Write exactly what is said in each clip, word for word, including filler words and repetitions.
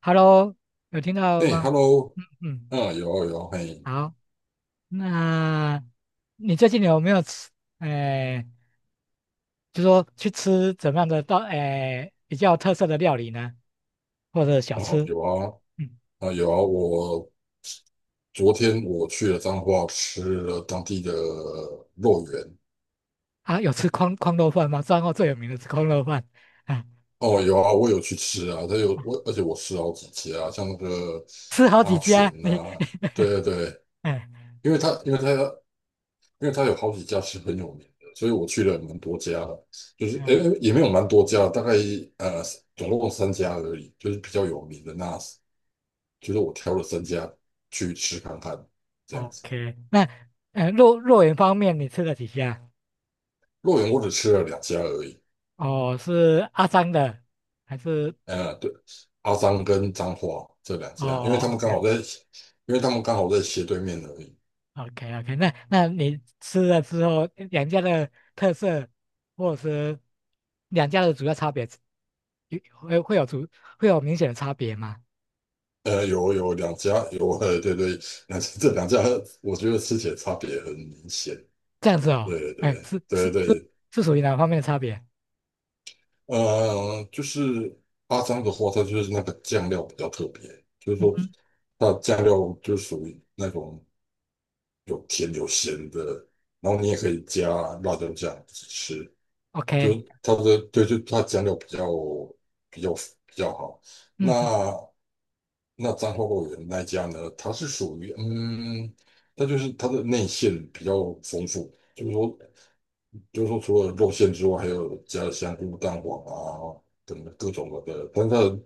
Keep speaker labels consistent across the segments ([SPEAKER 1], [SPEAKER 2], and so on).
[SPEAKER 1] Hello，有听到
[SPEAKER 2] 哎
[SPEAKER 1] 吗？
[SPEAKER 2] ，Hello，
[SPEAKER 1] 嗯，
[SPEAKER 2] 啊，有啊有啊，嘿。
[SPEAKER 1] 好，那你最近有没有吃？哎、就说去吃怎么样的到哎、比较有特色的料理呢？或者小
[SPEAKER 2] 啊
[SPEAKER 1] 吃？
[SPEAKER 2] 有啊
[SPEAKER 1] 嗯，
[SPEAKER 2] 啊有啊，我昨天我去了彰化，吃了当地的肉圆。
[SPEAKER 1] 啊，有吃空空肉饭吗？彰后最有名的吃空肉饭，啊，
[SPEAKER 2] 哦，有啊，我有去吃啊，这有我，
[SPEAKER 1] 啊
[SPEAKER 2] 而且我吃了好几家，像那个
[SPEAKER 1] 吃好
[SPEAKER 2] 阿
[SPEAKER 1] 几
[SPEAKER 2] 全
[SPEAKER 1] 家，你，
[SPEAKER 2] 呐，对对对，
[SPEAKER 1] 哎、
[SPEAKER 2] 因为他因为他因为他有好几家是很有名的，所以我去了蛮多家的，就是
[SPEAKER 1] 嗯
[SPEAKER 2] 诶、
[SPEAKER 1] 啊
[SPEAKER 2] 诶也没有蛮多家，大概呃总共三家而已，就是比较有名的，那就是我挑了三家去吃看看，这样子。
[SPEAKER 1] ，OK，那呃肉肉圆方面你吃了几家？
[SPEAKER 2] 洛阳我只吃了两家而已，
[SPEAKER 1] 哦，是阿张的还是？
[SPEAKER 2] 呃，对，阿张跟彰化这两家，因为
[SPEAKER 1] 哦
[SPEAKER 2] 他
[SPEAKER 1] o
[SPEAKER 2] 们
[SPEAKER 1] k
[SPEAKER 2] 刚好在，因为他们刚好在斜对面而已。
[SPEAKER 1] OK OK，那那你吃了之后，两家的特色或者是两家的主要差别，有会会有主会有明显的差别吗？
[SPEAKER 2] 呃，有有两家有，呃，对对，两家 这两家我觉得吃起来差别很明显。
[SPEAKER 1] 这样子哦，
[SPEAKER 2] 对
[SPEAKER 1] 哎，
[SPEAKER 2] 对
[SPEAKER 1] 是是
[SPEAKER 2] 对
[SPEAKER 1] 是
[SPEAKER 2] 对，
[SPEAKER 1] 是属于哪方面的差别？
[SPEAKER 2] 呃，就是阿张的话，它就是那个酱料比较特别，就是
[SPEAKER 1] 嗯
[SPEAKER 2] 说
[SPEAKER 1] 哼
[SPEAKER 2] 它的酱料就是属于那种有甜有咸的，然后你也可以加辣椒酱吃，就
[SPEAKER 1] ，OK，
[SPEAKER 2] 是它的，对，就它酱料比较比较比较好。
[SPEAKER 1] 嗯哼，
[SPEAKER 2] 那那彰花果园那一家呢，它是属于嗯，它就是它的内馅比较丰富，就是说就是说除了肉馅之外，还有加了香菇、蛋黄啊等各种的，但是它的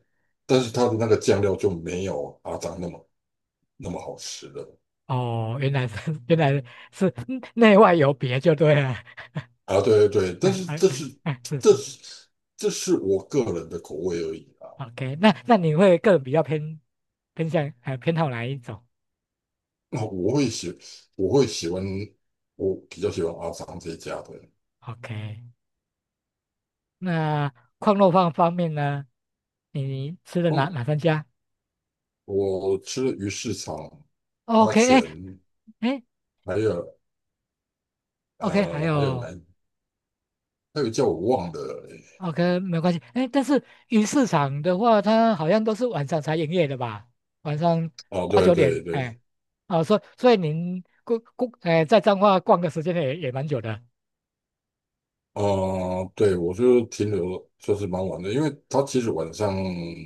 [SPEAKER 2] 但是它的那个酱料就没有阿张那么那么好吃的。
[SPEAKER 1] 哦，原来是 原来是内外有别就对了，
[SPEAKER 2] 啊，对对对，但
[SPEAKER 1] 哎
[SPEAKER 2] 是
[SPEAKER 1] 哎
[SPEAKER 2] 这
[SPEAKER 1] 哎
[SPEAKER 2] 是
[SPEAKER 1] 哎，是
[SPEAKER 2] 这
[SPEAKER 1] 是
[SPEAKER 2] 是这是我个人的口味而已啊。
[SPEAKER 1] ，OK，那那你会个人比较偏偏向呃偏好哪一种
[SPEAKER 2] 那我会喜我会喜欢我比较喜欢阿桑这一家的。
[SPEAKER 1] ？OK，那矿肉饭方面呢？你吃的哪
[SPEAKER 2] 嗯，
[SPEAKER 1] 哪三家
[SPEAKER 2] 我吃了鱼市场、阿
[SPEAKER 1] ？OK，
[SPEAKER 2] 全，
[SPEAKER 1] 哎哎
[SPEAKER 2] 还有
[SPEAKER 1] ，OK，还
[SPEAKER 2] 呃还有
[SPEAKER 1] 有
[SPEAKER 2] 南，还有叫我忘的。
[SPEAKER 1] OK 没关系，哎，但是鱼市场的话，它好像都是晚上才营业的吧？晚上
[SPEAKER 2] 哦，
[SPEAKER 1] 八
[SPEAKER 2] 对
[SPEAKER 1] 九
[SPEAKER 2] 对
[SPEAKER 1] 点，哎，
[SPEAKER 2] 对，
[SPEAKER 1] 哦，所以所以您逛逛，哎，在彰化逛的时间也也蛮久的，
[SPEAKER 2] 呃，对，我就停留算是蛮晚的，因为他其实晚上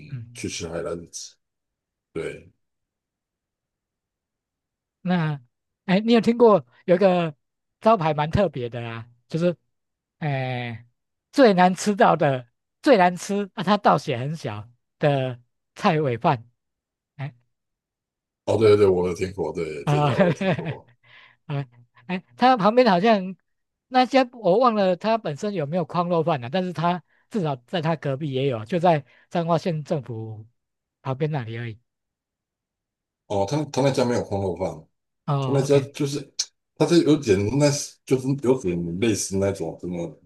[SPEAKER 1] 嗯，
[SPEAKER 2] 去吃海南子，对。
[SPEAKER 1] 那哎，你有听过有一个招牌蛮特别的啊，就是哎最难吃到的最难吃啊，它倒写很小的菜尾饭。哎
[SPEAKER 2] 哦对对，我有听过，对，这
[SPEAKER 1] 啊，
[SPEAKER 2] 家我有听 过。
[SPEAKER 1] 啊，哎，他旁边好像那些我忘了，他本身有没有矿肉饭了、但是他至少在他隔壁也有，就在彰化县政府旁边那里而已。
[SPEAKER 2] 哦，他他那家没有空肉饭，他那
[SPEAKER 1] 哦
[SPEAKER 2] 家
[SPEAKER 1] ，OK，
[SPEAKER 2] 就是，他这有点，那就是有点类似那种什么，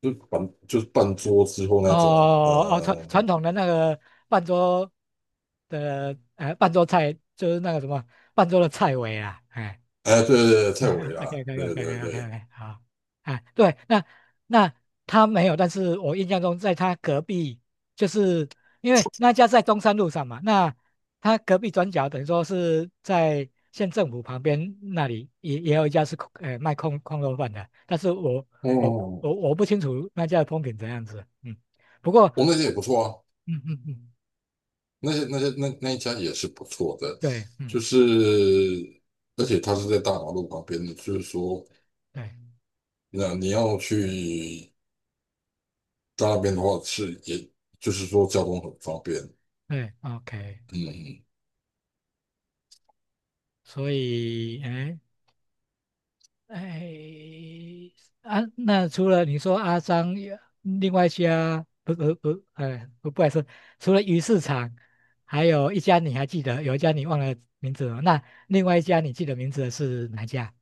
[SPEAKER 2] 就半就是半桌之后那种，
[SPEAKER 1] 哦哦，传
[SPEAKER 2] 呃。
[SPEAKER 1] 传统的那个半桌的呃半桌菜，就是那个什么半桌的菜尾啊，哎。
[SPEAKER 2] 哎，对对对，蔡
[SPEAKER 1] 哎
[SPEAKER 2] 伟啦，对对对。
[SPEAKER 1] ，OK，OK，OK，OK，OK，好啊，对，那那他没有，但是我印象中在他隔壁，就是因为那家在中山路上嘛，那他隔壁转角等于说是在县政府旁边那里也也有一家是空呃卖空空肉饭的，但是我我
[SPEAKER 2] 哦，
[SPEAKER 1] 我我不清楚那家的风评怎样子，嗯，不过
[SPEAKER 2] 我那家也不错啊，
[SPEAKER 1] 嗯嗯嗯，
[SPEAKER 2] 那些那些那那一家也是不错的，
[SPEAKER 1] 对，
[SPEAKER 2] 就
[SPEAKER 1] 嗯
[SPEAKER 2] 是而且他是在大马路旁边的，就是说，
[SPEAKER 1] 对
[SPEAKER 2] 那你要去到那边的话是，也就是说交通很方便，
[SPEAKER 1] 对，OK，
[SPEAKER 2] 嗯，
[SPEAKER 1] 所以哎。哎，啊，那除了你说阿张，另外一家不不不，哎，不不好意思，除了鱼市场，还有一家你还记得，有一家你忘了名字了。那另外一家你记得名字的是哪一家？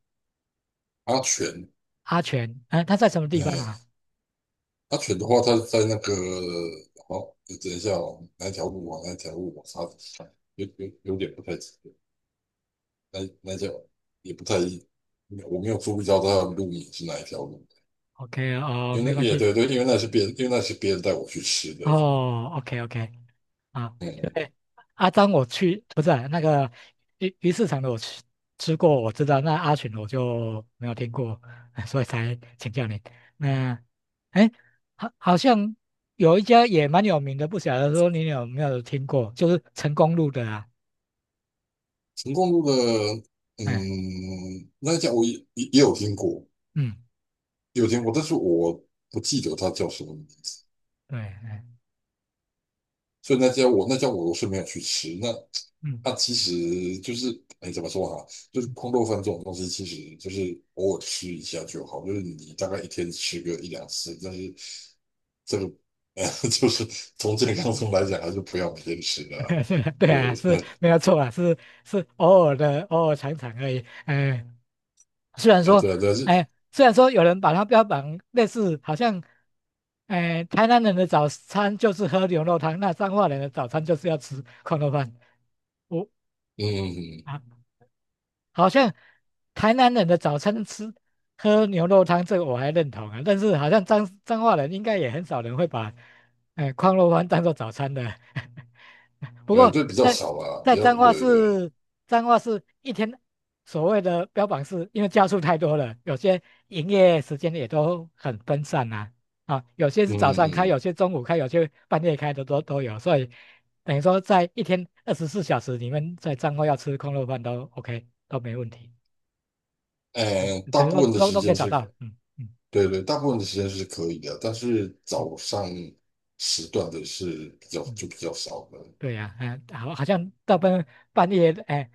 [SPEAKER 2] 安全。
[SPEAKER 1] 阿全，啊，他在什么地方
[SPEAKER 2] 哎，
[SPEAKER 1] 啊
[SPEAKER 2] 阿犬的话，它在那个，好，等一下哦，哪一条路啊？哪一条路我查，有有有点不太记得，那那条也不太，我没有注意到它的路名是哪一条路，
[SPEAKER 1] ？OK 哦，
[SPEAKER 2] 因为
[SPEAKER 1] 没
[SPEAKER 2] 那
[SPEAKER 1] 关
[SPEAKER 2] 也对
[SPEAKER 1] 系。
[SPEAKER 2] 对，因为那是别人，因为那是别人带我去吃的。
[SPEAKER 1] 哦，OK OK，啊，Yeah.
[SPEAKER 2] 嗯，
[SPEAKER 1] 对，阿张我去，不是啊那个鱼鱼市场的我吃吃过，我知道，那阿群我就没有听过，所以才请教你。那，哎，好，好像有一家也蛮有名的，不晓得说你有没有听过，就是成功路的啊，
[SPEAKER 2] 成功路的，
[SPEAKER 1] 哎，
[SPEAKER 2] 嗯，那一家我也也也有听过，
[SPEAKER 1] 嗯，
[SPEAKER 2] 也有听过，但是我不记得它叫什么名字，
[SPEAKER 1] 对，哎，
[SPEAKER 2] 所以那家我那家我是没有去吃。那
[SPEAKER 1] 嗯。
[SPEAKER 2] 那其实就是，哎，怎么说哈？就是空豆饭这种东西，其实就是偶尔吃一下就好，就是你大概一天吃个一两次，但是这个，呃，就是从健康上来讲，还是不要每天吃的啊。
[SPEAKER 1] 对
[SPEAKER 2] 对，
[SPEAKER 1] 啊，是 没有错啊，是是偶尔的，偶尔尝尝而已。哎。虽然
[SPEAKER 2] 呃，
[SPEAKER 1] 说，
[SPEAKER 2] 对啊，但是，
[SPEAKER 1] 哎，虽然说有人把它标榜类似，好像，哎，台南人的早餐就是喝牛肉汤，那彰化人的早餐就是要吃矿肉饭。我
[SPEAKER 2] 嗯，嗯
[SPEAKER 1] 啊，好像台南人的早餐吃喝牛肉汤，这个我还认同啊，但是好像彰彰化人应该也很少人会把，哎，矿肉饭当做早餐的。不
[SPEAKER 2] 嗯呃，
[SPEAKER 1] 过
[SPEAKER 2] 对，比较
[SPEAKER 1] 在
[SPEAKER 2] 少啊，比
[SPEAKER 1] 在
[SPEAKER 2] 较，
[SPEAKER 1] 彰化
[SPEAKER 2] 对对，
[SPEAKER 1] 市，彰化市一天所谓的标榜是，因为家数太多了，有些营业时间也都很分散呐、啊。啊，有些
[SPEAKER 2] 嗯
[SPEAKER 1] 是早上开，有
[SPEAKER 2] 嗯，
[SPEAKER 1] 些中午开，有些半夜开的都都有，所以等于说在一天二十四小时你们在彰化要吃空肉饭都 OK，都没问题，嗯，
[SPEAKER 2] 呃，大
[SPEAKER 1] 等于说
[SPEAKER 2] 部分的
[SPEAKER 1] 都
[SPEAKER 2] 时
[SPEAKER 1] 都可以
[SPEAKER 2] 间
[SPEAKER 1] 找到。
[SPEAKER 2] 是，
[SPEAKER 1] 嗯嗯
[SPEAKER 2] 对对，大部分的时间是可以的，但是早
[SPEAKER 1] 嗯
[SPEAKER 2] 上时段的是比较
[SPEAKER 1] 嗯。
[SPEAKER 2] 就比较少的。
[SPEAKER 1] 对呀、哎，好，好像大半半夜，哎，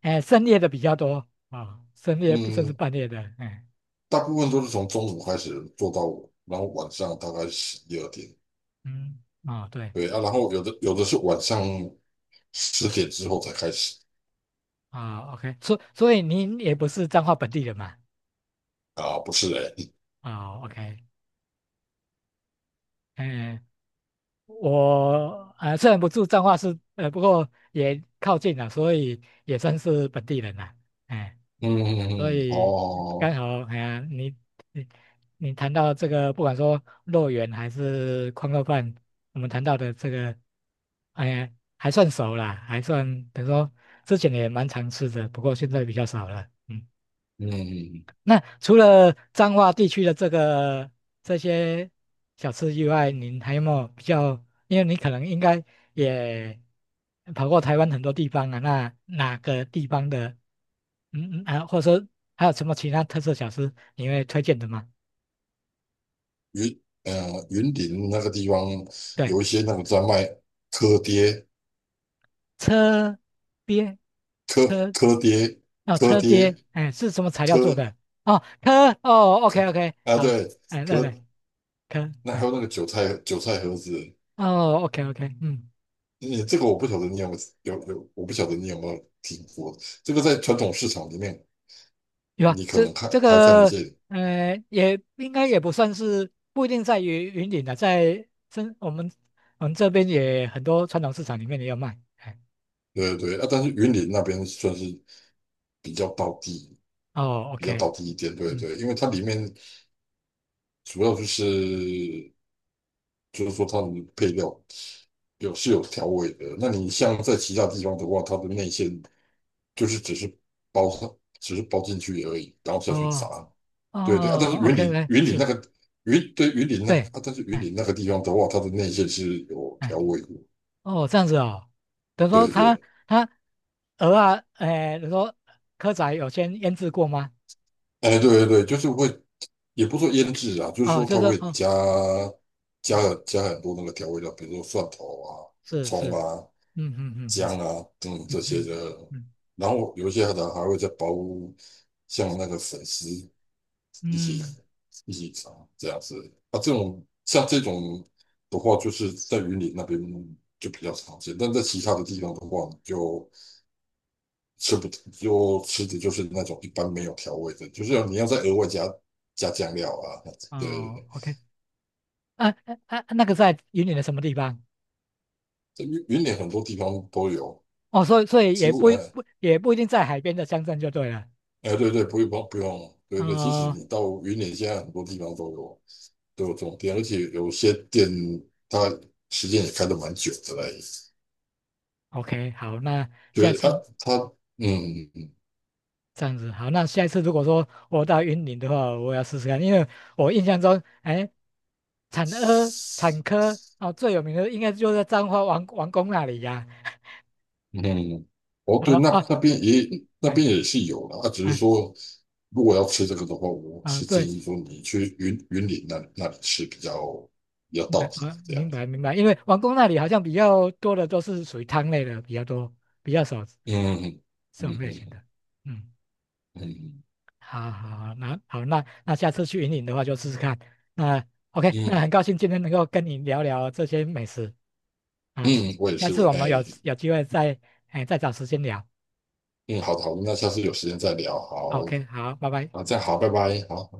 [SPEAKER 1] 哎，深夜的比较多啊、深夜甚至
[SPEAKER 2] 嗯，
[SPEAKER 1] 半夜的，哎，
[SPEAKER 2] 大部分都是从中午开始做到，然后晚上大概十一、十二点。
[SPEAKER 1] 嗯，啊、对，
[SPEAKER 2] 对啊，然后有的有的是晚上十点之后才开始。
[SPEAKER 1] 啊，OK、o k 所所以您也不是彰化本地人嘛，
[SPEAKER 2] 啊，不是，哎、欸，
[SPEAKER 1] 啊，OK、o k 哎，我呃虽然不住彰化市，呃，不过也靠近了，所以也算是本地人了，哎。
[SPEAKER 2] 嗯嗯
[SPEAKER 1] 所
[SPEAKER 2] 嗯，
[SPEAKER 1] 以刚
[SPEAKER 2] 哦，
[SPEAKER 1] 好，哎呀，你你你谈到这个，不管说肉圆还是矿肉饭，我们谈到的这个，哎呀，还算熟啦，还算等于说之前也蛮常吃的，不过现在比较少了。嗯，
[SPEAKER 2] 嗯，
[SPEAKER 1] 那除了彰化地区的这个这些小吃以外，您还有没有比较？因为你可能应该也跑过台湾很多地方啊，那哪个地方的，嗯嗯啊，或者说还有什么其他特色小吃你会推荐的吗？
[SPEAKER 2] 云呃云林那个地方
[SPEAKER 1] 对，
[SPEAKER 2] 有一些那个在卖柯爹、
[SPEAKER 1] 车边
[SPEAKER 2] 蚵
[SPEAKER 1] 车
[SPEAKER 2] 蚵爹、
[SPEAKER 1] 哦，
[SPEAKER 2] 蚵
[SPEAKER 1] 车鳖，
[SPEAKER 2] 爹、
[SPEAKER 1] 哎，是什么材料
[SPEAKER 2] 蚵
[SPEAKER 1] 做
[SPEAKER 2] 蚵，
[SPEAKER 1] 的？哦，科哦，OK OK，
[SPEAKER 2] 啊，
[SPEAKER 1] 好，
[SPEAKER 2] 对，
[SPEAKER 1] 哎，对
[SPEAKER 2] 蚵，
[SPEAKER 1] 对，科，
[SPEAKER 2] 那还有
[SPEAKER 1] 哎，
[SPEAKER 2] 那个韭菜韭菜盒子，
[SPEAKER 1] 哦，OK OK，嗯。
[SPEAKER 2] 你这个我不晓得你有没有，有，有，我不晓得你有没有听过。这个在传统市场里面，
[SPEAKER 1] 有啊，
[SPEAKER 2] 你可
[SPEAKER 1] 这
[SPEAKER 2] 能看
[SPEAKER 1] 这
[SPEAKER 2] 还看得
[SPEAKER 1] 个
[SPEAKER 2] 见，
[SPEAKER 1] 呃，也应该也不算是不一定在于云顶的，在真我们我们这边也很多传统市场里面也有卖。哎，
[SPEAKER 2] 对对对啊。但是云林那边算是比较道地，
[SPEAKER 1] 哦
[SPEAKER 2] 比较道
[SPEAKER 1] ，OK，
[SPEAKER 2] 地一点，对
[SPEAKER 1] 嗯，
[SPEAKER 2] 对。因为它里面主要就是，就是说它的配料有是有调味的。那你像在其他地方的话，它的内馅就是只是包上，只是包进去而已，然后下去炸。
[SPEAKER 1] 哦
[SPEAKER 2] 对对啊，但是
[SPEAKER 1] 哦
[SPEAKER 2] 云
[SPEAKER 1] ，OK，
[SPEAKER 2] 林
[SPEAKER 1] 来
[SPEAKER 2] 云林那
[SPEAKER 1] 是，
[SPEAKER 2] 个云对云林那个
[SPEAKER 1] 对，
[SPEAKER 2] 啊，但是云
[SPEAKER 1] 哎
[SPEAKER 2] 林那个地方的话，它的内馅是有
[SPEAKER 1] 哎，
[SPEAKER 2] 调味的，
[SPEAKER 1] 哦，这样子哦，等于说
[SPEAKER 2] 对
[SPEAKER 1] 他
[SPEAKER 2] 对。
[SPEAKER 1] 他鹅啊，哎，等于说蚵仔有先腌制过吗？
[SPEAKER 2] 哎，对对对，就是会，也不说腌制啊，就是
[SPEAKER 1] 哦，
[SPEAKER 2] 说
[SPEAKER 1] 就
[SPEAKER 2] 它
[SPEAKER 1] 是，
[SPEAKER 2] 会
[SPEAKER 1] 哦
[SPEAKER 2] 加，加
[SPEAKER 1] 哦，
[SPEAKER 2] 加很多那个调味料，比如说蒜头啊、
[SPEAKER 1] 是
[SPEAKER 2] 葱
[SPEAKER 1] 是，
[SPEAKER 2] 啊、
[SPEAKER 1] 嗯嗯嗯嗯
[SPEAKER 2] 姜啊等等这
[SPEAKER 1] 嗯
[SPEAKER 2] 些的，
[SPEAKER 1] 嗯
[SPEAKER 2] 然后有一些的还会再包，像那个粉丝一
[SPEAKER 1] 嗯，
[SPEAKER 2] 起
[SPEAKER 1] 嗯
[SPEAKER 2] 一起找，这样子。啊，这种，像这种的话，就是在云岭那边就比较常见，但在其他的地方的话，你就吃不就吃的就是那种一般没有调味的，就是你要再额外加加酱料啊。对对
[SPEAKER 1] 哦
[SPEAKER 2] 对，
[SPEAKER 1] ，OK。啊啊，啊！那个在云林的什么地方？
[SPEAKER 2] 这云云岭很多地方都有，
[SPEAKER 1] 哦，所以所以
[SPEAKER 2] 几
[SPEAKER 1] 也
[SPEAKER 2] 乎，
[SPEAKER 1] 不一
[SPEAKER 2] 哎，
[SPEAKER 1] 不也不一定在海边的乡镇就对了。
[SPEAKER 2] 哎，对对，不用不用，对对，即使
[SPEAKER 1] 哦
[SPEAKER 2] 你到云岭，现在很多地方都有都有这种店，而且有些店它时间也开得蛮久的嘞。
[SPEAKER 1] ，OK，好，那下
[SPEAKER 2] 觉得啊，
[SPEAKER 1] 次
[SPEAKER 2] 他嗯嗯
[SPEAKER 1] 这样子，好，那下一次如果说我到云林的话，我要试试看，因为我印象中，哎，产科产科啊哦，最有名的应该就在彰化王王宫那里呀、
[SPEAKER 2] 嗯。哦
[SPEAKER 1] 啊。
[SPEAKER 2] 对，
[SPEAKER 1] 哦
[SPEAKER 2] 那那
[SPEAKER 1] 哦，
[SPEAKER 2] 边也那
[SPEAKER 1] 哎
[SPEAKER 2] 边也是有的啊，只是
[SPEAKER 1] 哎
[SPEAKER 2] 说如果要吃这个的话，我
[SPEAKER 1] 啊，
[SPEAKER 2] 是
[SPEAKER 1] 对
[SPEAKER 2] 建议说你去云云林那那里吃比较比较
[SPEAKER 1] 对，
[SPEAKER 2] 到底，
[SPEAKER 1] 啊，
[SPEAKER 2] 这样
[SPEAKER 1] 明
[SPEAKER 2] 子。
[SPEAKER 1] 白明白，因为王宫那里好像比较多的都是属于汤类的比较多，比较少
[SPEAKER 2] 嗯
[SPEAKER 1] 这
[SPEAKER 2] 嗯
[SPEAKER 1] 种
[SPEAKER 2] 嗯，
[SPEAKER 1] 类型
[SPEAKER 2] 嗯
[SPEAKER 1] 的。嗯。
[SPEAKER 2] 嗯
[SPEAKER 1] 好好好，那好，那那下次去云岭的话就试试看。那 OK，那
[SPEAKER 2] 嗯，
[SPEAKER 1] 很高兴今天能够跟你聊聊这些美食啊，
[SPEAKER 2] 嗯，我也
[SPEAKER 1] 下
[SPEAKER 2] 是，
[SPEAKER 1] 次
[SPEAKER 2] 我，
[SPEAKER 1] 我们有
[SPEAKER 2] 哎，
[SPEAKER 1] 有机会再哎再找时间聊。
[SPEAKER 2] 嗯，好的好的，那下次有时间再聊，好。
[SPEAKER 1] OK，好，拜拜。
[SPEAKER 2] 啊，这样好，拜拜，好。